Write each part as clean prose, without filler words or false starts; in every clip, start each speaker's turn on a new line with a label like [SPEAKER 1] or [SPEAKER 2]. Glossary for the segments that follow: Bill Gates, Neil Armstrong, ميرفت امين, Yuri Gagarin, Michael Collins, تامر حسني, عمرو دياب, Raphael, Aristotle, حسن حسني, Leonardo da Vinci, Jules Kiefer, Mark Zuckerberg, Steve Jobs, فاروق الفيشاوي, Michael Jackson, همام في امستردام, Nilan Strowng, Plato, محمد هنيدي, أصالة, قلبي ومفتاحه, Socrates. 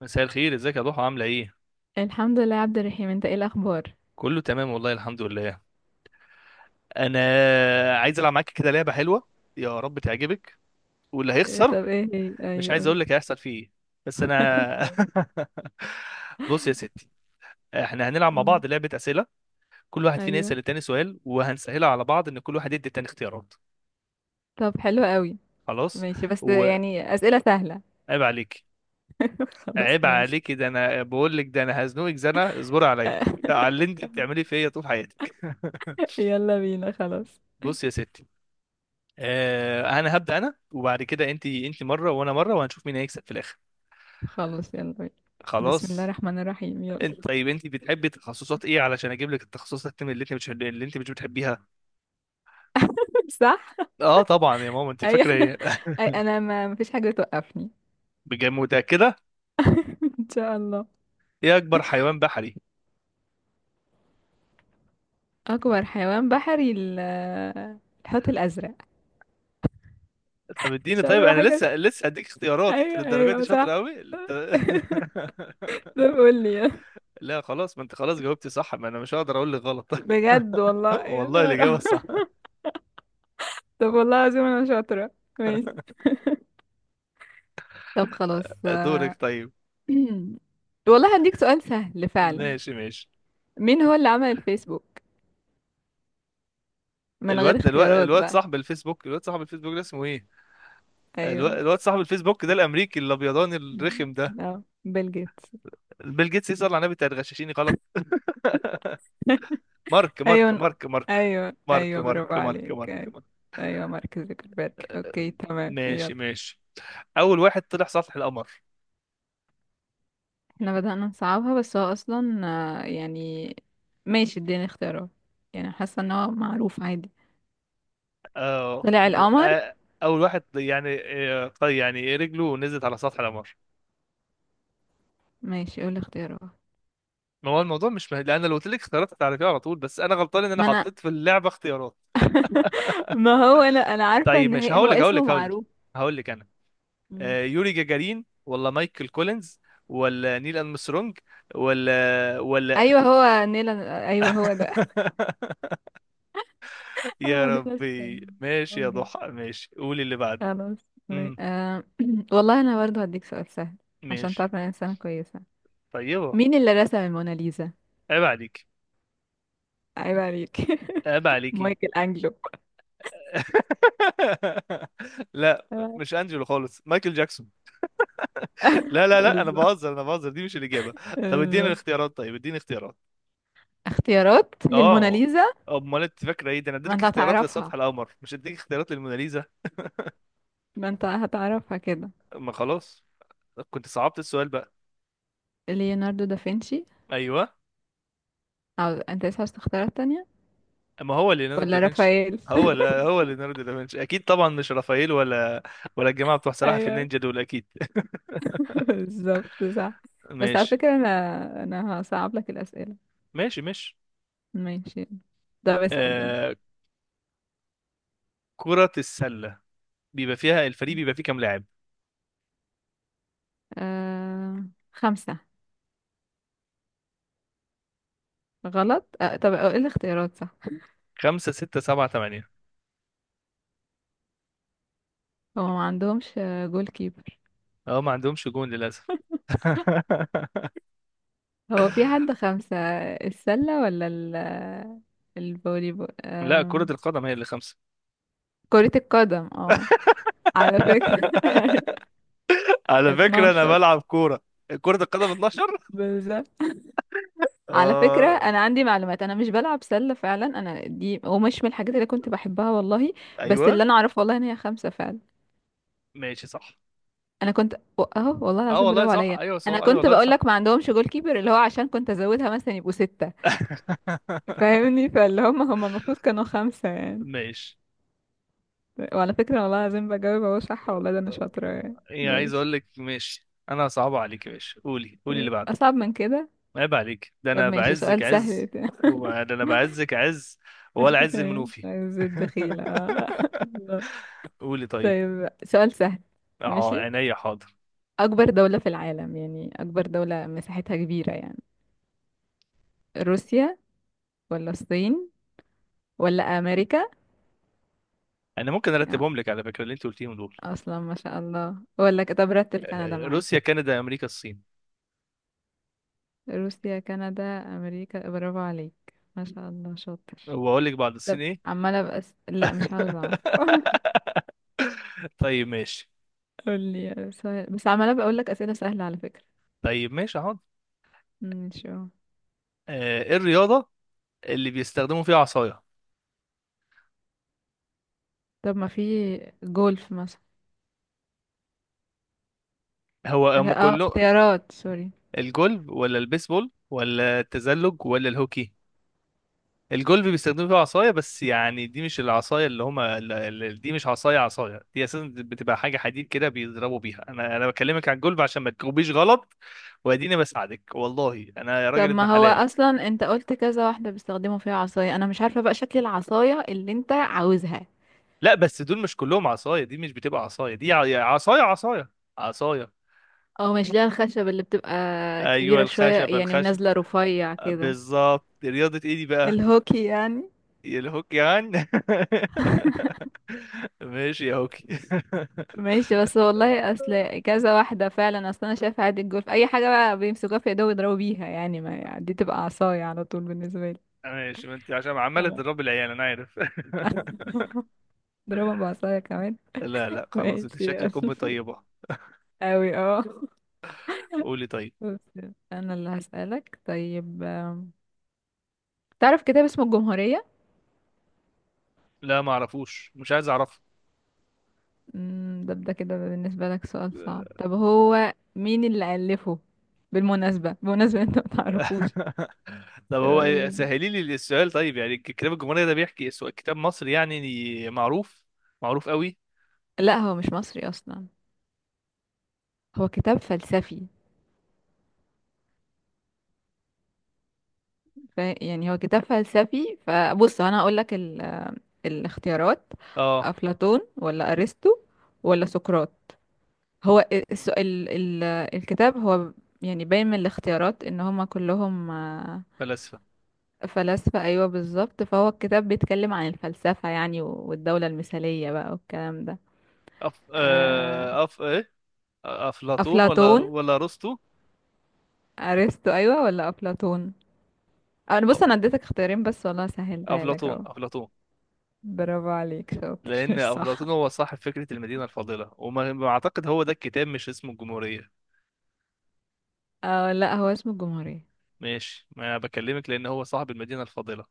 [SPEAKER 1] مساء الخير، ازيك يا ضحى؟ عامله ايه؟
[SPEAKER 2] الحمد لله يا عبد الرحيم، انت ايه الاخبار؟
[SPEAKER 1] كله تمام والله، الحمد لله. انا عايز العب معاك كده لعبه حلوه، يا رب تعجبك. واللي
[SPEAKER 2] اه،
[SPEAKER 1] هيخسر...
[SPEAKER 2] طب ايه هي،
[SPEAKER 1] مش
[SPEAKER 2] ايوه
[SPEAKER 1] عايز
[SPEAKER 2] قول.
[SPEAKER 1] اقول لك هيحصل فيه ايه، بس انا...
[SPEAKER 2] تمام.
[SPEAKER 1] بص يا ستي، احنا هنلعب مع
[SPEAKER 2] مم.
[SPEAKER 1] بعض لعبه اسئله. كل واحد فينا يسال
[SPEAKER 2] ايوه،
[SPEAKER 1] التاني سؤال، وهنسهلها على بعض ان كل واحد يدي التاني اختيارات.
[SPEAKER 2] طب حلو قوي.
[SPEAKER 1] خلاص.
[SPEAKER 2] ماشي، بس
[SPEAKER 1] وعيب
[SPEAKER 2] يعني اسئله سهله.
[SPEAKER 1] عليك.
[SPEAKER 2] خلاص
[SPEAKER 1] عيب
[SPEAKER 2] ماشي.
[SPEAKER 1] عليك، ده انا بقول لك، ده انا هزنقك زنقه، اصبري عليا على اللي انت بتعمليه فيا طول حياتك.
[SPEAKER 2] يلا بينا خلاص.
[SPEAKER 1] بص يا ستي، انا هبدأ انا، وبعد كده انت مرة وانا مرة، وهنشوف مين هيكسب في الاخر.
[SPEAKER 2] خلاص يلا بينا. بسم الله
[SPEAKER 1] خلاص.
[SPEAKER 2] الرحمن الرحيم
[SPEAKER 1] انت
[SPEAKER 2] يلا.
[SPEAKER 1] طيب، انت بتحبي تخصصات ايه علشان اجيب لك التخصصات اللي انت مش بتحبيها؟
[SPEAKER 2] صح.
[SPEAKER 1] اه طبعا يا ماما، انت
[SPEAKER 2] ايوه.
[SPEAKER 1] فاكرة ايه؟
[SPEAKER 2] اي، انا ما مفيش حاجه توقفني.
[SPEAKER 1] بجد متأكدة؟
[SPEAKER 2] ان شاء الله.
[SPEAKER 1] ايه اكبر حيوان بحري؟
[SPEAKER 2] اكبر حيوان بحري الحوت الازرق.
[SPEAKER 1] طب اديني.
[SPEAKER 2] مش
[SPEAKER 1] طيب
[SPEAKER 2] عارفه
[SPEAKER 1] انا
[SPEAKER 2] حاجه.
[SPEAKER 1] لسه هديك اختيارات. انت
[SPEAKER 2] ايوه،
[SPEAKER 1] للدرجة دي
[SPEAKER 2] ايوه،
[SPEAKER 1] شاطرة
[SPEAKER 2] صح.
[SPEAKER 1] قوي انت...
[SPEAKER 2] طب قول لي.
[SPEAKER 1] لا خلاص، ما انت خلاص جاوبتي صح، ما انا مش هقدر اقول لك غلط.
[SPEAKER 2] بجد والله يا
[SPEAKER 1] والله
[SPEAKER 2] نهار
[SPEAKER 1] الإجابة
[SPEAKER 2] أبيض.
[SPEAKER 1] صح.
[SPEAKER 2] طب والله العظيم انا شاطرة. ماشي. طب خلاص.
[SPEAKER 1] دورك. طيب
[SPEAKER 2] والله هديك سؤال سهل فعلا.
[SPEAKER 1] ماشي ماشي.
[SPEAKER 2] مين هو اللي عمل الفيسبوك؟ من غير
[SPEAKER 1] الواد الواد
[SPEAKER 2] اختيارات
[SPEAKER 1] الواد
[SPEAKER 2] بقى.
[SPEAKER 1] صاحب الفيسبوك الواد صاحب الفيسبوك ده اسمه ايه؟ الواد,
[SPEAKER 2] ايوه.
[SPEAKER 1] الواد صاحب الفيسبوك ده، الامريكي الابيضاني الرخم ده.
[SPEAKER 2] اه، بيل جيتس.
[SPEAKER 1] بيل جيتس؟ يسأل على النبي، تغششيني غلط! مارك مارك
[SPEAKER 2] ايوه،
[SPEAKER 1] مارك مارك
[SPEAKER 2] ايوه،
[SPEAKER 1] مارك،
[SPEAKER 2] ايوه، برافو
[SPEAKER 1] مارك مارك
[SPEAKER 2] عليك،
[SPEAKER 1] مارك
[SPEAKER 2] ايوه.
[SPEAKER 1] مارك.
[SPEAKER 2] ايوه، مارك زوكربيرج، اوكي تمام،
[SPEAKER 1] ماشي
[SPEAKER 2] يلا.
[SPEAKER 1] ماشي. اول واحد طلع سطح القمر؟
[SPEAKER 2] احنا بدأنا نصعبها، بس هو اصلا يعني، ماشي اديني اختيارات. يعني حاسه ان هو معروف عادي.
[SPEAKER 1] اه.
[SPEAKER 2] طلع القمر.
[SPEAKER 1] آه، اول واحد يعني... طيب يعني رجله نزلت على سطح القمر.
[SPEAKER 2] ماشي، قول اختيارات.
[SPEAKER 1] ما هو الموضوع مش لان لو قلت لك اختيارات هتعرفيها على طول، بس انا غلطان ان انا
[SPEAKER 2] ما انا،
[SPEAKER 1] حطيت في اللعبه اختيارات.
[SPEAKER 2] ما هو انا عارفه
[SPEAKER 1] طيب
[SPEAKER 2] ان
[SPEAKER 1] ماشي،
[SPEAKER 2] هي،
[SPEAKER 1] هقول
[SPEAKER 2] هو
[SPEAKER 1] لك هقول
[SPEAKER 2] اسمه
[SPEAKER 1] لك هقول لك
[SPEAKER 2] معروف.
[SPEAKER 1] هقول لك انا.
[SPEAKER 2] مم.
[SPEAKER 1] يوري جاجارين ولا مايكل كولينز ولا نيل أرمسترونج ولا
[SPEAKER 2] ايوه هو نيلان، ايوه هو ده. هو
[SPEAKER 1] يا
[SPEAKER 2] نيلان.
[SPEAKER 1] ربي، ماشي يا
[SPEAKER 2] ستراونج.
[SPEAKER 1] ضحى، ماشي قولي اللي بعده.
[SPEAKER 2] خلاص. مي-
[SPEAKER 1] امم.
[SPEAKER 2] آه. والله انا برضو هديك سؤال سهل، عشان
[SPEAKER 1] ماشي.
[SPEAKER 2] تعرف ان انا انسانه كويسه.
[SPEAKER 1] طيبة.
[SPEAKER 2] مين اللي رسم الموناليزا؟
[SPEAKER 1] عيب عليك.
[SPEAKER 2] عيب عليك.
[SPEAKER 1] عيب عليكي.
[SPEAKER 2] مايكل انجلو.
[SPEAKER 1] لا مش انجلو خالص، مايكل جاكسون. لا لا لا، انا
[SPEAKER 2] بالظبط.
[SPEAKER 1] بهزر، انا بهزر، دي مش الاجابه. طب اديني
[SPEAKER 2] بالظبط.
[SPEAKER 1] الاختيارات، طيب اديني اختيارات.
[SPEAKER 2] اختيارات
[SPEAKER 1] اه.
[SPEAKER 2] للموناليزا؟
[SPEAKER 1] امال انت فاكره ايه؟ ده انا
[SPEAKER 2] ما
[SPEAKER 1] اديتك
[SPEAKER 2] انت
[SPEAKER 1] اختيارات
[SPEAKER 2] هتعرفها،
[SPEAKER 1] لسطح القمر مش اديك اختيارات للموناليزا.
[SPEAKER 2] ما انت هتعرفها كده.
[SPEAKER 1] ما خلاص، كنت صعبت السؤال بقى.
[SPEAKER 2] ليوناردو دافنشي.
[SPEAKER 1] ايوه.
[SPEAKER 2] او انت لسه عايز تختارات تانية؟
[SPEAKER 1] ما هو ليوناردو
[SPEAKER 2] ولا
[SPEAKER 1] دافنشي.
[SPEAKER 2] رافائيل؟
[SPEAKER 1] هو لا، هو ليوناردو دافنشي اكيد طبعا، مش رافائيل ولا الجماعه بتوع سلاحف
[SPEAKER 2] ايوه.
[SPEAKER 1] النينجا دول اكيد.
[SPEAKER 2] بالظبط صح. بس على
[SPEAKER 1] ماشي
[SPEAKER 2] فكرة انا هصعب لك الأسئلة.
[SPEAKER 1] ماشي ماشي.
[SPEAKER 2] ماشي. ده بسأل، يلا.
[SPEAKER 1] آه، كرة السلة بيبقى فيها الفريق بيبقى فيه كام لاعب؟
[SPEAKER 2] آه... خمسة. غلط. طب ايه الاختيارات، صح؟
[SPEAKER 1] خمسة ستة سبعة تمانية.
[SPEAKER 2] هو ما عندهمش جول كيبر.
[SPEAKER 1] اه ما عندهمش جون للأسف.
[SPEAKER 2] هو في حد خمسة؟ السلة ولا الفولي بول
[SPEAKER 1] لا كرة القدم هي اللي خمسة.
[SPEAKER 2] كرة القدم اه. على فكرة.
[SPEAKER 1] على فكرة أنا
[SPEAKER 2] 12.
[SPEAKER 1] بلعب كورة. كرة القدم 12.
[SPEAKER 2] بالظبط. على فكرة
[SPEAKER 1] آه
[SPEAKER 2] أنا عندي معلومات، أنا مش بلعب سلة فعلا، أنا دي ومش من الحاجات اللي كنت بحبها والله. بس
[SPEAKER 1] أيوه.
[SPEAKER 2] اللي أنا أعرفه والله إن هي خمسة فعلا.
[SPEAKER 1] ماشي صح.
[SPEAKER 2] أنا كنت أهو، والله
[SPEAKER 1] اه
[SPEAKER 2] العظيم
[SPEAKER 1] والله
[SPEAKER 2] برافو
[SPEAKER 1] صح،
[SPEAKER 2] عليا.
[SPEAKER 1] ايوه صح،
[SPEAKER 2] أنا
[SPEAKER 1] ايوه
[SPEAKER 2] كنت
[SPEAKER 1] والله
[SPEAKER 2] بقول
[SPEAKER 1] صح.
[SPEAKER 2] لك ما عندهمش جول كيبر اللي هو، عشان كنت أزودها مثلا يبقوا ستة. فاهمني؟ فاللي هم المفروض كانوا خمسة يعني.
[SPEAKER 1] ماشي.
[SPEAKER 2] وعلى فكرة والله العظيم بجاوب أهو صح، والله ده أنا شاطرة يعني،
[SPEAKER 1] ايه، عايز
[SPEAKER 2] ماشي.
[SPEAKER 1] اقول لك ماشي، انا صعب عليك يا باشا، قولي قولي اللي بعده.
[SPEAKER 2] أصعب من كده.
[SPEAKER 1] عيب عليك، ده
[SPEAKER 2] طب
[SPEAKER 1] انا
[SPEAKER 2] ماشي،
[SPEAKER 1] بعزك
[SPEAKER 2] سؤال سهل
[SPEAKER 1] عز،
[SPEAKER 2] ده.
[SPEAKER 1] ده انا بعزك عز، ولا عز المنوفي.
[SPEAKER 2] عايز الدخيلة.
[SPEAKER 1] قولي طيب.
[SPEAKER 2] طيب سؤال سهل.
[SPEAKER 1] اه
[SPEAKER 2] ماشي.
[SPEAKER 1] عينيا حاضر.
[SPEAKER 2] أكبر دولة في العالم، يعني أكبر دولة مساحتها كبيرة يعني. روسيا ولا الصين ولا أمريكا؟
[SPEAKER 1] انا ممكن
[SPEAKER 2] يعني
[SPEAKER 1] ارتبهم لك على فكره اللي انت قلتيهم دول.
[SPEAKER 2] أصلا ما شاء الله، ولا طب رتب كندا معايا.
[SPEAKER 1] روسيا كندا امريكا الصين.
[SPEAKER 2] روسيا، كندا، أمريكا. برافو عليك، ما شاء الله شاطر.
[SPEAKER 1] واقول لك بعد الصين
[SPEAKER 2] طب
[SPEAKER 1] ايه؟
[SPEAKER 2] عمالة لا، مش عاوزة أعرف.
[SPEAKER 1] طيب ماشي.
[SPEAKER 2] قولي سؤال، بس عمالة بقولك أسئلة سهلة على فكرة.
[SPEAKER 1] طيب ماشي حاضر.
[SPEAKER 2] ماشي اه.
[SPEAKER 1] ايه الرياضه اللي بيستخدموا فيها عصايه؟
[SPEAKER 2] طب ما في جولف مثلا.
[SPEAKER 1] هو هم
[SPEAKER 2] اه،
[SPEAKER 1] كله.
[SPEAKER 2] اختيارات سوري.
[SPEAKER 1] الجولف ولا البيسبول ولا التزلج ولا الهوكي؟ الجولف بيستخدموا فيها عصايه، بس يعني دي مش العصايه اللي هما دي مش عصايه عصايه، دي اساسا بتبقى حاجه حديد كده بيضربوا بيها. انا بكلمك عن الجولف عشان ما تجاوبيش غلط. واديني بساعدك والله، انا يا راجل
[SPEAKER 2] طب ما
[SPEAKER 1] ابن
[SPEAKER 2] هو
[SPEAKER 1] حلال.
[SPEAKER 2] اصلا انت قلت كذا واحده بيستخدموا فيها عصايه، انا مش عارفه بقى شكل العصايه اللي انت عاوزها.
[SPEAKER 1] لا بس دول مش كلهم عصايه، دي مش بتبقى عصايه، دي عصايه عصايه، عصايه.
[SPEAKER 2] او مش ليها الخشب اللي بتبقى
[SPEAKER 1] ايوه
[SPEAKER 2] كبيره شويه
[SPEAKER 1] الخشب
[SPEAKER 2] يعني،
[SPEAKER 1] الخشب.
[SPEAKER 2] ونازله رفيع كده؟
[SPEAKER 1] بالظبط، رياضه ايه دي بقى؟
[SPEAKER 2] الهوكي يعني.
[SPEAKER 1] يا الهوك يعني. ماشي يا هوكي.
[SPEAKER 2] ماشي، بس والله اصل كذا واحده فعلا، اصل انا شايفه عادي الجولف اي حاجه بقى بيمسكوها في ايدهم يضربوا بيها يعني، ما يعني دي تبقى عصايه على طول بالنسبه لي.
[SPEAKER 1] ماشي، ما انت عشان
[SPEAKER 2] لا،
[SPEAKER 1] عمالة
[SPEAKER 2] لا.
[SPEAKER 1] تضرب العيال انا عارف.
[SPEAKER 2] ضربها بعصايه كمان.
[SPEAKER 1] لا لا خلاص،
[SPEAKER 2] ماشي
[SPEAKER 1] انت
[SPEAKER 2] يلا.
[SPEAKER 1] شكلك ام طيبة.
[SPEAKER 2] اوي اه.
[SPEAKER 1] قولي طيب.
[SPEAKER 2] بس انا اللي هسألك طيب. تعرف كتاب اسمه الجمهورية؟
[SPEAKER 1] لا ما اعرفوش، مش عايز اعرفه.
[SPEAKER 2] ده كده بالنسبة لك سؤال صعب. طب هو مين اللي ألفه؟ بالمناسبة، بمناسبة انت ما تعرفوش.
[SPEAKER 1] طب هو
[SPEAKER 2] يلا.
[SPEAKER 1] سهلي لي السؤال طيب، يعني الكتاب الجمهورية ده بيحكي كتاب مصري يعني معروف، معروف قوي.
[SPEAKER 2] لا، هو مش مصري اصلا، هو كتاب فلسفي. يعني هو كتاب فلسفي، فبص انا هقول لك الاختيارات.
[SPEAKER 1] اه
[SPEAKER 2] افلاطون ولا ارسطو ولا سقراط؟ هو الس... ال... ال... الكتاب هو، يعني باين من الاختيارات ان هما كلهم
[SPEAKER 1] فلاسفة.
[SPEAKER 2] فلاسفة. أيوة بالظبط، فهو الكتاب بيتكلم عن الفلسفة يعني، والدولة المثالية بقى والكلام ده. آه،
[SPEAKER 1] إيه؟ أفلاطون ولا
[SPEAKER 2] أفلاطون.
[SPEAKER 1] ولا أرسطو؟
[SPEAKER 2] أرسطو، أيوة ولا أفلاطون؟ أنا بص،
[SPEAKER 1] أو-
[SPEAKER 2] أنا اديتك اختيارين بس والله، سهلتها لك
[SPEAKER 1] أفلاطون
[SPEAKER 2] أهو.
[SPEAKER 1] أفلاطون.
[SPEAKER 2] برافو عليك
[SPEAKER 1] لأن
[SPEAKER 2] شاطر. صح.
[SPEAKER 1] أفلاطون هو صاحب فكرة المدينة الفاضلة، وما ما أعتقد هو ده الكتاب مش اسمه الجمهورية.
[SPEAKER 2] اه لا، هو اسمه الجمهورية.
[SPEAKER 1] ماشي، ما أنا بكلمك لأن هو صاحب المدينة الفاضلة.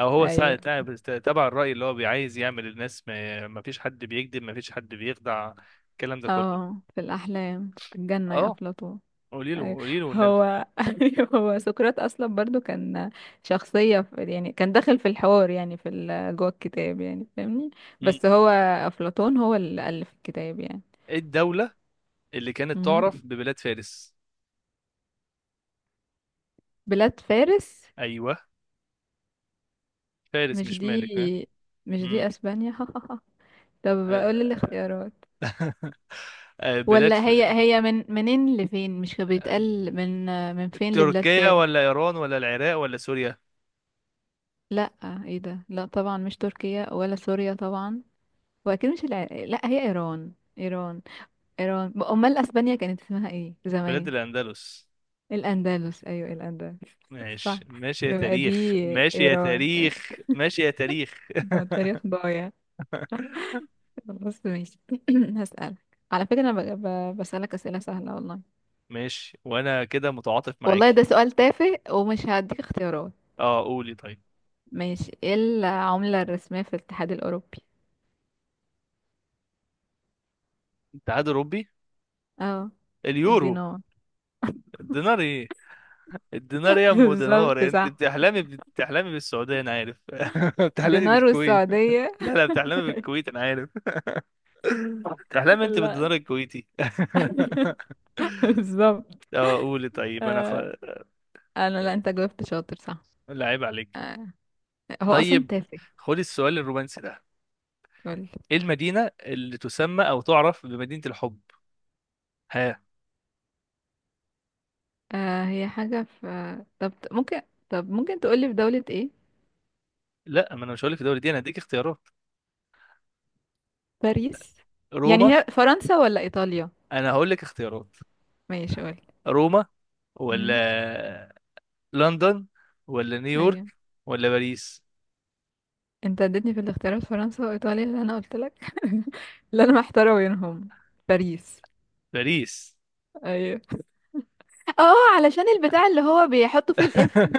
[SPEAKER 1] أو هو
[SPEAKER 2] أيوة.
[SPEAKER 1] تبع الرأي اللي هو بيعايز يعمل الناس ما فيش حد بيكذب، ما فيش حد بيخدع، الكلام ده كله.
[SPEAKER 2] اه، في الأحلام في الجنة يا
[SPEAKER 1] أه
[SPEAKER 2] أفلاطون.
[SPEAKER 1] قولي له
[SPEAKER 2] أيوة.
[SPEAKER 1] قولي له والنبي.
[SPEAKER 2] هو أيوة، هو سقراط اصلا برضو كان شخصيه في، يعني كان داخل في الحوار يعني في جوه الكتاب يعني، فاهمني.
[SPEAKER 1] مم.
[SPEAKER 2] بس هو افلاطون هو اللي الف الكتاب يعني.
[SPEAKER 1] إيه الدولة اللي كانت
[SPEAKER 2] مم.
[SPEAKER 1] تعرف ببلاد فارس؟
[SPEAKER 2] بلاد فارس.
[SPEAKER 1] أيوه. فارس
[SPEAKER 2] مش
[SPEAKER 1] مش
[SPEAKER 2] دي
[SPEAKER 1] مالك ها.
[SPEAKER 2] مش دي
[SPEAKER 1] مم.
[SPEAKER 2] اسبانيا. طب قول لي الاختيارات.
[SPEAKER 1] بلاد
[SPEAKER 2] ولا
[SPEAKER 1] ف...
[SPEAKER 2] هي من منين لفين، مش كان
[SPEAKER 1] آه،
[SPEAKER 2] بيتقال من فين لبلاد
[SPEAKER 1] تركيا
[SPEAKER 2] فارس؟
[SPEAKER 1] ولا إيران ولا العراق ولا سوريا؟
[SPEAKER 2] لا، ايه ده، لا طبعا مش تركيا ولا سوريا طبعا، واكيد مش لا، هي ايران. ايران. امال اسبانيا كانت اسمها ايه
[SPEAKER 1] بلاد
[SPEAKER 2] زمان؟
[SPEAKER 1] الأندلس.
[SPEAKER 2] الاندلس، ايوه الاندلس. صح.
[SPEAKER 1] ماشي ماشي يا
[SPEAKER 2] يبقى دي
[SPEAKER 1] تاريخ، ماشي يا
[SPEAKER 2] ايران.
[SPEAKER 1] تاريخ، ماشي يا تاريخ.
[SPEAKER 2] ده التاريخ ضايع. بس ماشي. هسألك. على فكرة انا بسألك اسئلة سهلة والله.
[SPEAKER 1] ماشي، وانا كده متعاطف
[SPEAKER 2] والله
[SPEAKER 1] معاكي.
[SPEAKER 2] ده سؤال تافه، ومش هديك اختيارات.
[SPEAKER 1] اه قولي طيب.
[SPEAKER 2] ماشي. ايه العملة الرسمية في الاتحاد الاوروبي؟
[SPEAKER 1] الاتحاد الاوروبي؟
[SPEAKER 2] اه،
[SPEAKER 1] اليورو.
[SPEAKER 2] الدينار.
[SPEAKER 1] الدينار؟ ايه الدينار يا ام
[SPEAKER 2] بالظبط
[SPEAKER 1] دينار، انت
[SPEAKER 2] صح.
[SPEAKER 1] بتحلمي بالسعوديه انا عارف. بتحلمي
[SPEAKER 2] دينار
[SPEAKER 1] بالكويت.
[SPEAKER 2] والسعودية.
[SPEAKER 1] لا لا بتحلمي بالكويت انا عارف، بتحلمي انت
[SPEAKER 2] لا.
[SPEAKER 1] بالدينار الكويتي.
[SPEAKER 2] بالظبط.
[SPEAKER 1] اه قولي طيب، انا
[SPEAKER 2] آه. انا، لا انت جاوبت شاطر صح.
[SPEAKER 1] لا عيب عليك.
[SPEAKER 2] آه. هو اصلا
[SPEAKER 1] طيب
[SPEAKER 2] تافه.
[SPEAKER 1] خدي السؤال الرومانسي ده.
[SPEAKER 2] قول.
[SPEAKER 1] ايه المدينه اللي تسمى او تعرف بمدينه الحب؟
[SPEAKER 2] هي حاجة في، طب ممكن، طب ممكن تقولي في دولة ايه؟
[SPEAKER 1] لا ما انا مش هقول لك الدوري دي، انا هديك اختيارات.
[SPEAKER 2] باريس. يعني
[SPEAKER 1] روما.
[SPEAKER 2] هي فرنسا ولا ايطاليا؟
[SPEAKER 1] انا هقول لك اختيارات.
[SPEAKER 2] ماشي قول.
[SPEAKER 1] روما
[SPEAKER 2] امم.
[SPEAKER 1] ولا لندن ولا
[SPEAKER 2] ايوه.
[SPEAKER 1] نيويورك ولا باريس؟
[SPEAKER 2] انت اديتني في الاختيارات فرنسا وايطاليا اللي انا قلت لك. اللي انا محتارة بينهم. باريس.
[SPEAKER 1] باريس.
[SPEAKER 2] ايوه. اه، علشان البتاع اللي هو بيحطوا فيه القفل.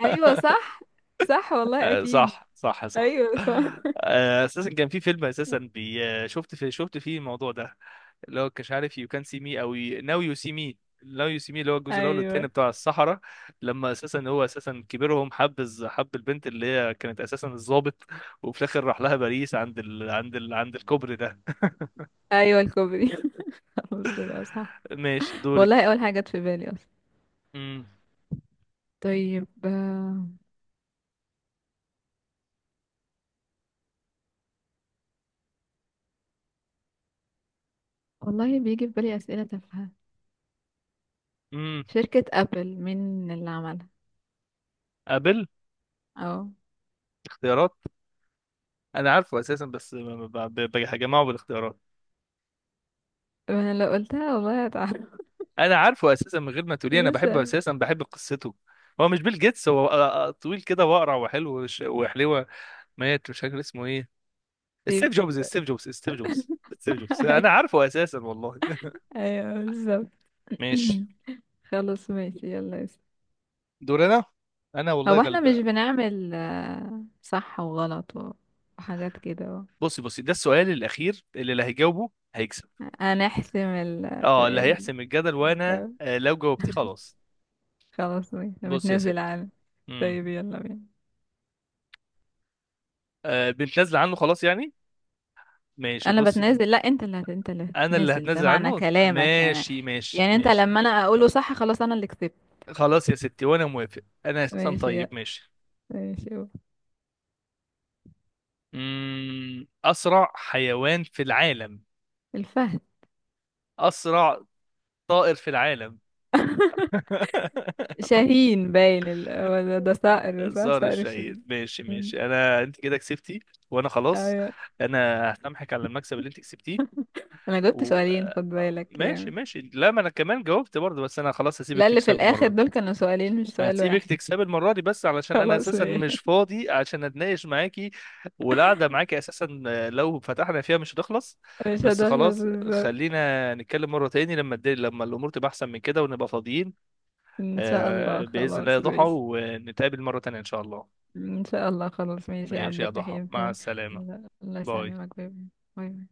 [SPEAKER 2] ايوه، صح، صح، والله اكيد.
[SPEAKER 1] صح صح صح.
[SPEAKER 2] ايوه صح.
[SPEAKER 1] اساسا كان في فيلم، اساسا بي آه، شفت شفت فيه الموضوع ده، اللي هو مش عارف يو كان سي مي او. ناو يو سي مي. ناو يو سي مي اللي هو الجزء الاول والتاني
[SPEAKER 2] ايوه،
[SPEAKER 1] بتاع الصحراء. لما اساسا هو اساسا كبيرهم حب حب البنت اللي هي كانت اساسا الضابط، وفي الاخر راح لها باريس عند عند الكوبري ده.
[SPEAKER 2] ايوه الكوبري. خلاص بقى صح.
[SPEAKER 1] ماشي
[SPEAKER 2] والله
[SPEAKER 1] دورك.
[SPEAKER 2] اول حاجة جت في بالي.
[SPEAKER 1] امم.
[SPEAKER 2] طيب. والله بيجي في بالي أسئلة تافهة.
[SPEAKER 1] امم.
[SPEAKER 2] شركة أبل مين اللي عملها؟
[SPEAKER 1] قابل.
[SPEAKER 2] اه،
[SPEAKER 1] اختيارات. انا عارفه اساسا بس بجمعه بالاختيارات.
[SPEAKER 2] انا لو قلتها والله هتعرف.
[SPEAKER 1] انا عارفه اساسا من غير ما تقولي، انا بحبه
[SPEAKER 2] لسه.
[SPEAKER 1] اساسا، بحب قصته. هو مش بيل جيتس، هو طويل كده واقرع وحلو وحلوه، مات مش فاكر اسمه ايه.
[SPEAKER 2] طيب.
[SPEAKER 1] ستيف جوبز ستيف جوبز ستيف جوبز ستيف جوبز، انا عارفه اساسا والله.
[SPEAKER 2] ايوه بالظبط.
[SPEAKER 1] ماشي.
[SPEAKER 2] خلاص ماشي، يلا اسم.
[SPEAKER 1] دور انا. انا والله
[SPEAKER 2] هو احنا مش
[SPEAKER 1] غلبان.
[SPEAKER 2] بنعمل صح وغلط وحاجات كده
[SPEAKER 1] بصي بصي ده السؤال الاخير، اللي هيجاوبه هيكسب.
[SPEAKER 2] هنحسم
[SPEAKER 1] اه اللي هيحسم الجدل. وانا
[SPEAKER 2] الجو.
[SPEAKER 1] لو جاوبتيه خلاص.
[SPEAKER 2] خلاص ماشي،
[SPEAKER 1] بص يا ست.
[SPEAKER 2] متنازل عنه.
[SPEAKER 1] امم.
[SPEAKER 2] طيب يلا بينا.
[SPEAKER 1] آه بنتنازل عنه خلاص يعني. ماشي
[SPEAKER 2] انا
[SPEAKER 1] بص،
[SPEAKER 2] بتنازل، لا انت اللي انت اللي
[SPEAKER 1] انا اللي
[SPEAKER 2] هتتنازل، ده
[SPEAKER 1] هتنازل
[SPEAKER 2] معنى
[SPEAKER 1] عنه،
[SPEAKER 2] كلامك يعني.
[SPEAKER 1] ماشي ماشي
[SPEAKER 2] يعني انت
[SPEAKER 1] ماشي.
[SPEAKER 2] لما انا اقوله صح، خلاص انا اللي كسبت.
[SPEAKER 1] خلاص يا ستي، وانا موافق، انا اساسا
[SPEAKER 2] ماشي
[SPEAKER 1] طيب
[SPEAKER 2] يلا.
[SPEAKER 1] ماشي.
[SPEAKER 2] ماشي يلا.
[SPEAKER 1] امم. اسرع حيوان في العالم؟
[SPEAKER 2] الفهد.
[SPEAKER 1] اسرع طائر في العالم؟
[SPEAKER 2] شاهين باين هو ده صقر صح،
[SPEAKER 1] صار
[SPEAKER 2] صقر
[SPEAKER 1] الشهيد،
[SPEAKER 2] الشاهين.
[SPEAKER 1] ماشي
[SPEAKER 2] مم.
[SPEAKER 1] ماشي، انا انت كده كسبتي وانا خلاص.
[SPEAKER 2] ايوه.
[SPEAKER 1] انا هسامحك على المكسب اللي انت كسبتيه.
[SPEAKER 2] انا جبت
[SPEAKER 1] و
[SPEAKER 2] سؤالين، خد بالك
[SPEAKER 1] ماشي
[SPEAKER 2] يعني.
[SPEAKER 1] ماشي، لا ما انا كمان جاوبت برضه، بس انا خلاص هسيبك
[SPEAKER 2] لا، اللي في
[SPEAKER 1] تكسب
[SPEAKER 2] الاخر
[SPEAKER 1] المره دي.
[SPEAKER 2] دول كانوا سؤالين مش سؤال
[SPEAKER 1] هسيبك
[SPEAKER 2] واحد.
[SPEAKER 1] تكسبي المرة دي بس علشان أنا
[SPEAKER 2] خلاص
[SPEAKER 1] أساسا مش
[SPEAKER 2] ماشي.
[SPEAKER 1] فاضي عشان أتناقش معاكي، والقعدة معاكي أساسا لو فتحنا فيها مش هتخلص.
[SPEAKER 2] مش
[SPEAKER 1] بس
[SPEAKER 2] هتخلص
[SPEAKER 1] خلاص
[SPEAKER 2] بالظبط.
[SPEAKER 1] خلينا نتكلم مرة تاني لما الدنيا، لما الأمور تبقى أحسن من كده ونبقى فاضيين.
[SPEAKER 2] ان شاء الله
[SPEAKER 1] بإذن الله يا
[SPEAKER 2] خلاص
[SPEAKER 1] ضحى،
[SPEAKER 2] ماشي.
[SPEAKER 1] ونتقابل مرة تانية إن شاء الله.
[SPEAKER 2] ان شاء الله خلاص ماشي يا
[SPEAKER 1] ماشي
[SPEAKER 2] عبد
[SPEAKER 1] يا ضحى،
[SPEAKER 2] الرحيم،
[SPEAKER 1] مع
[SPEAKER 2] تمام.
[SPEAKER 1] السلامة.
[SPEAKER 2] الله الله
[SPEAKER 1] باي.
[SPEAKER 2] يسلمك، باي. باي.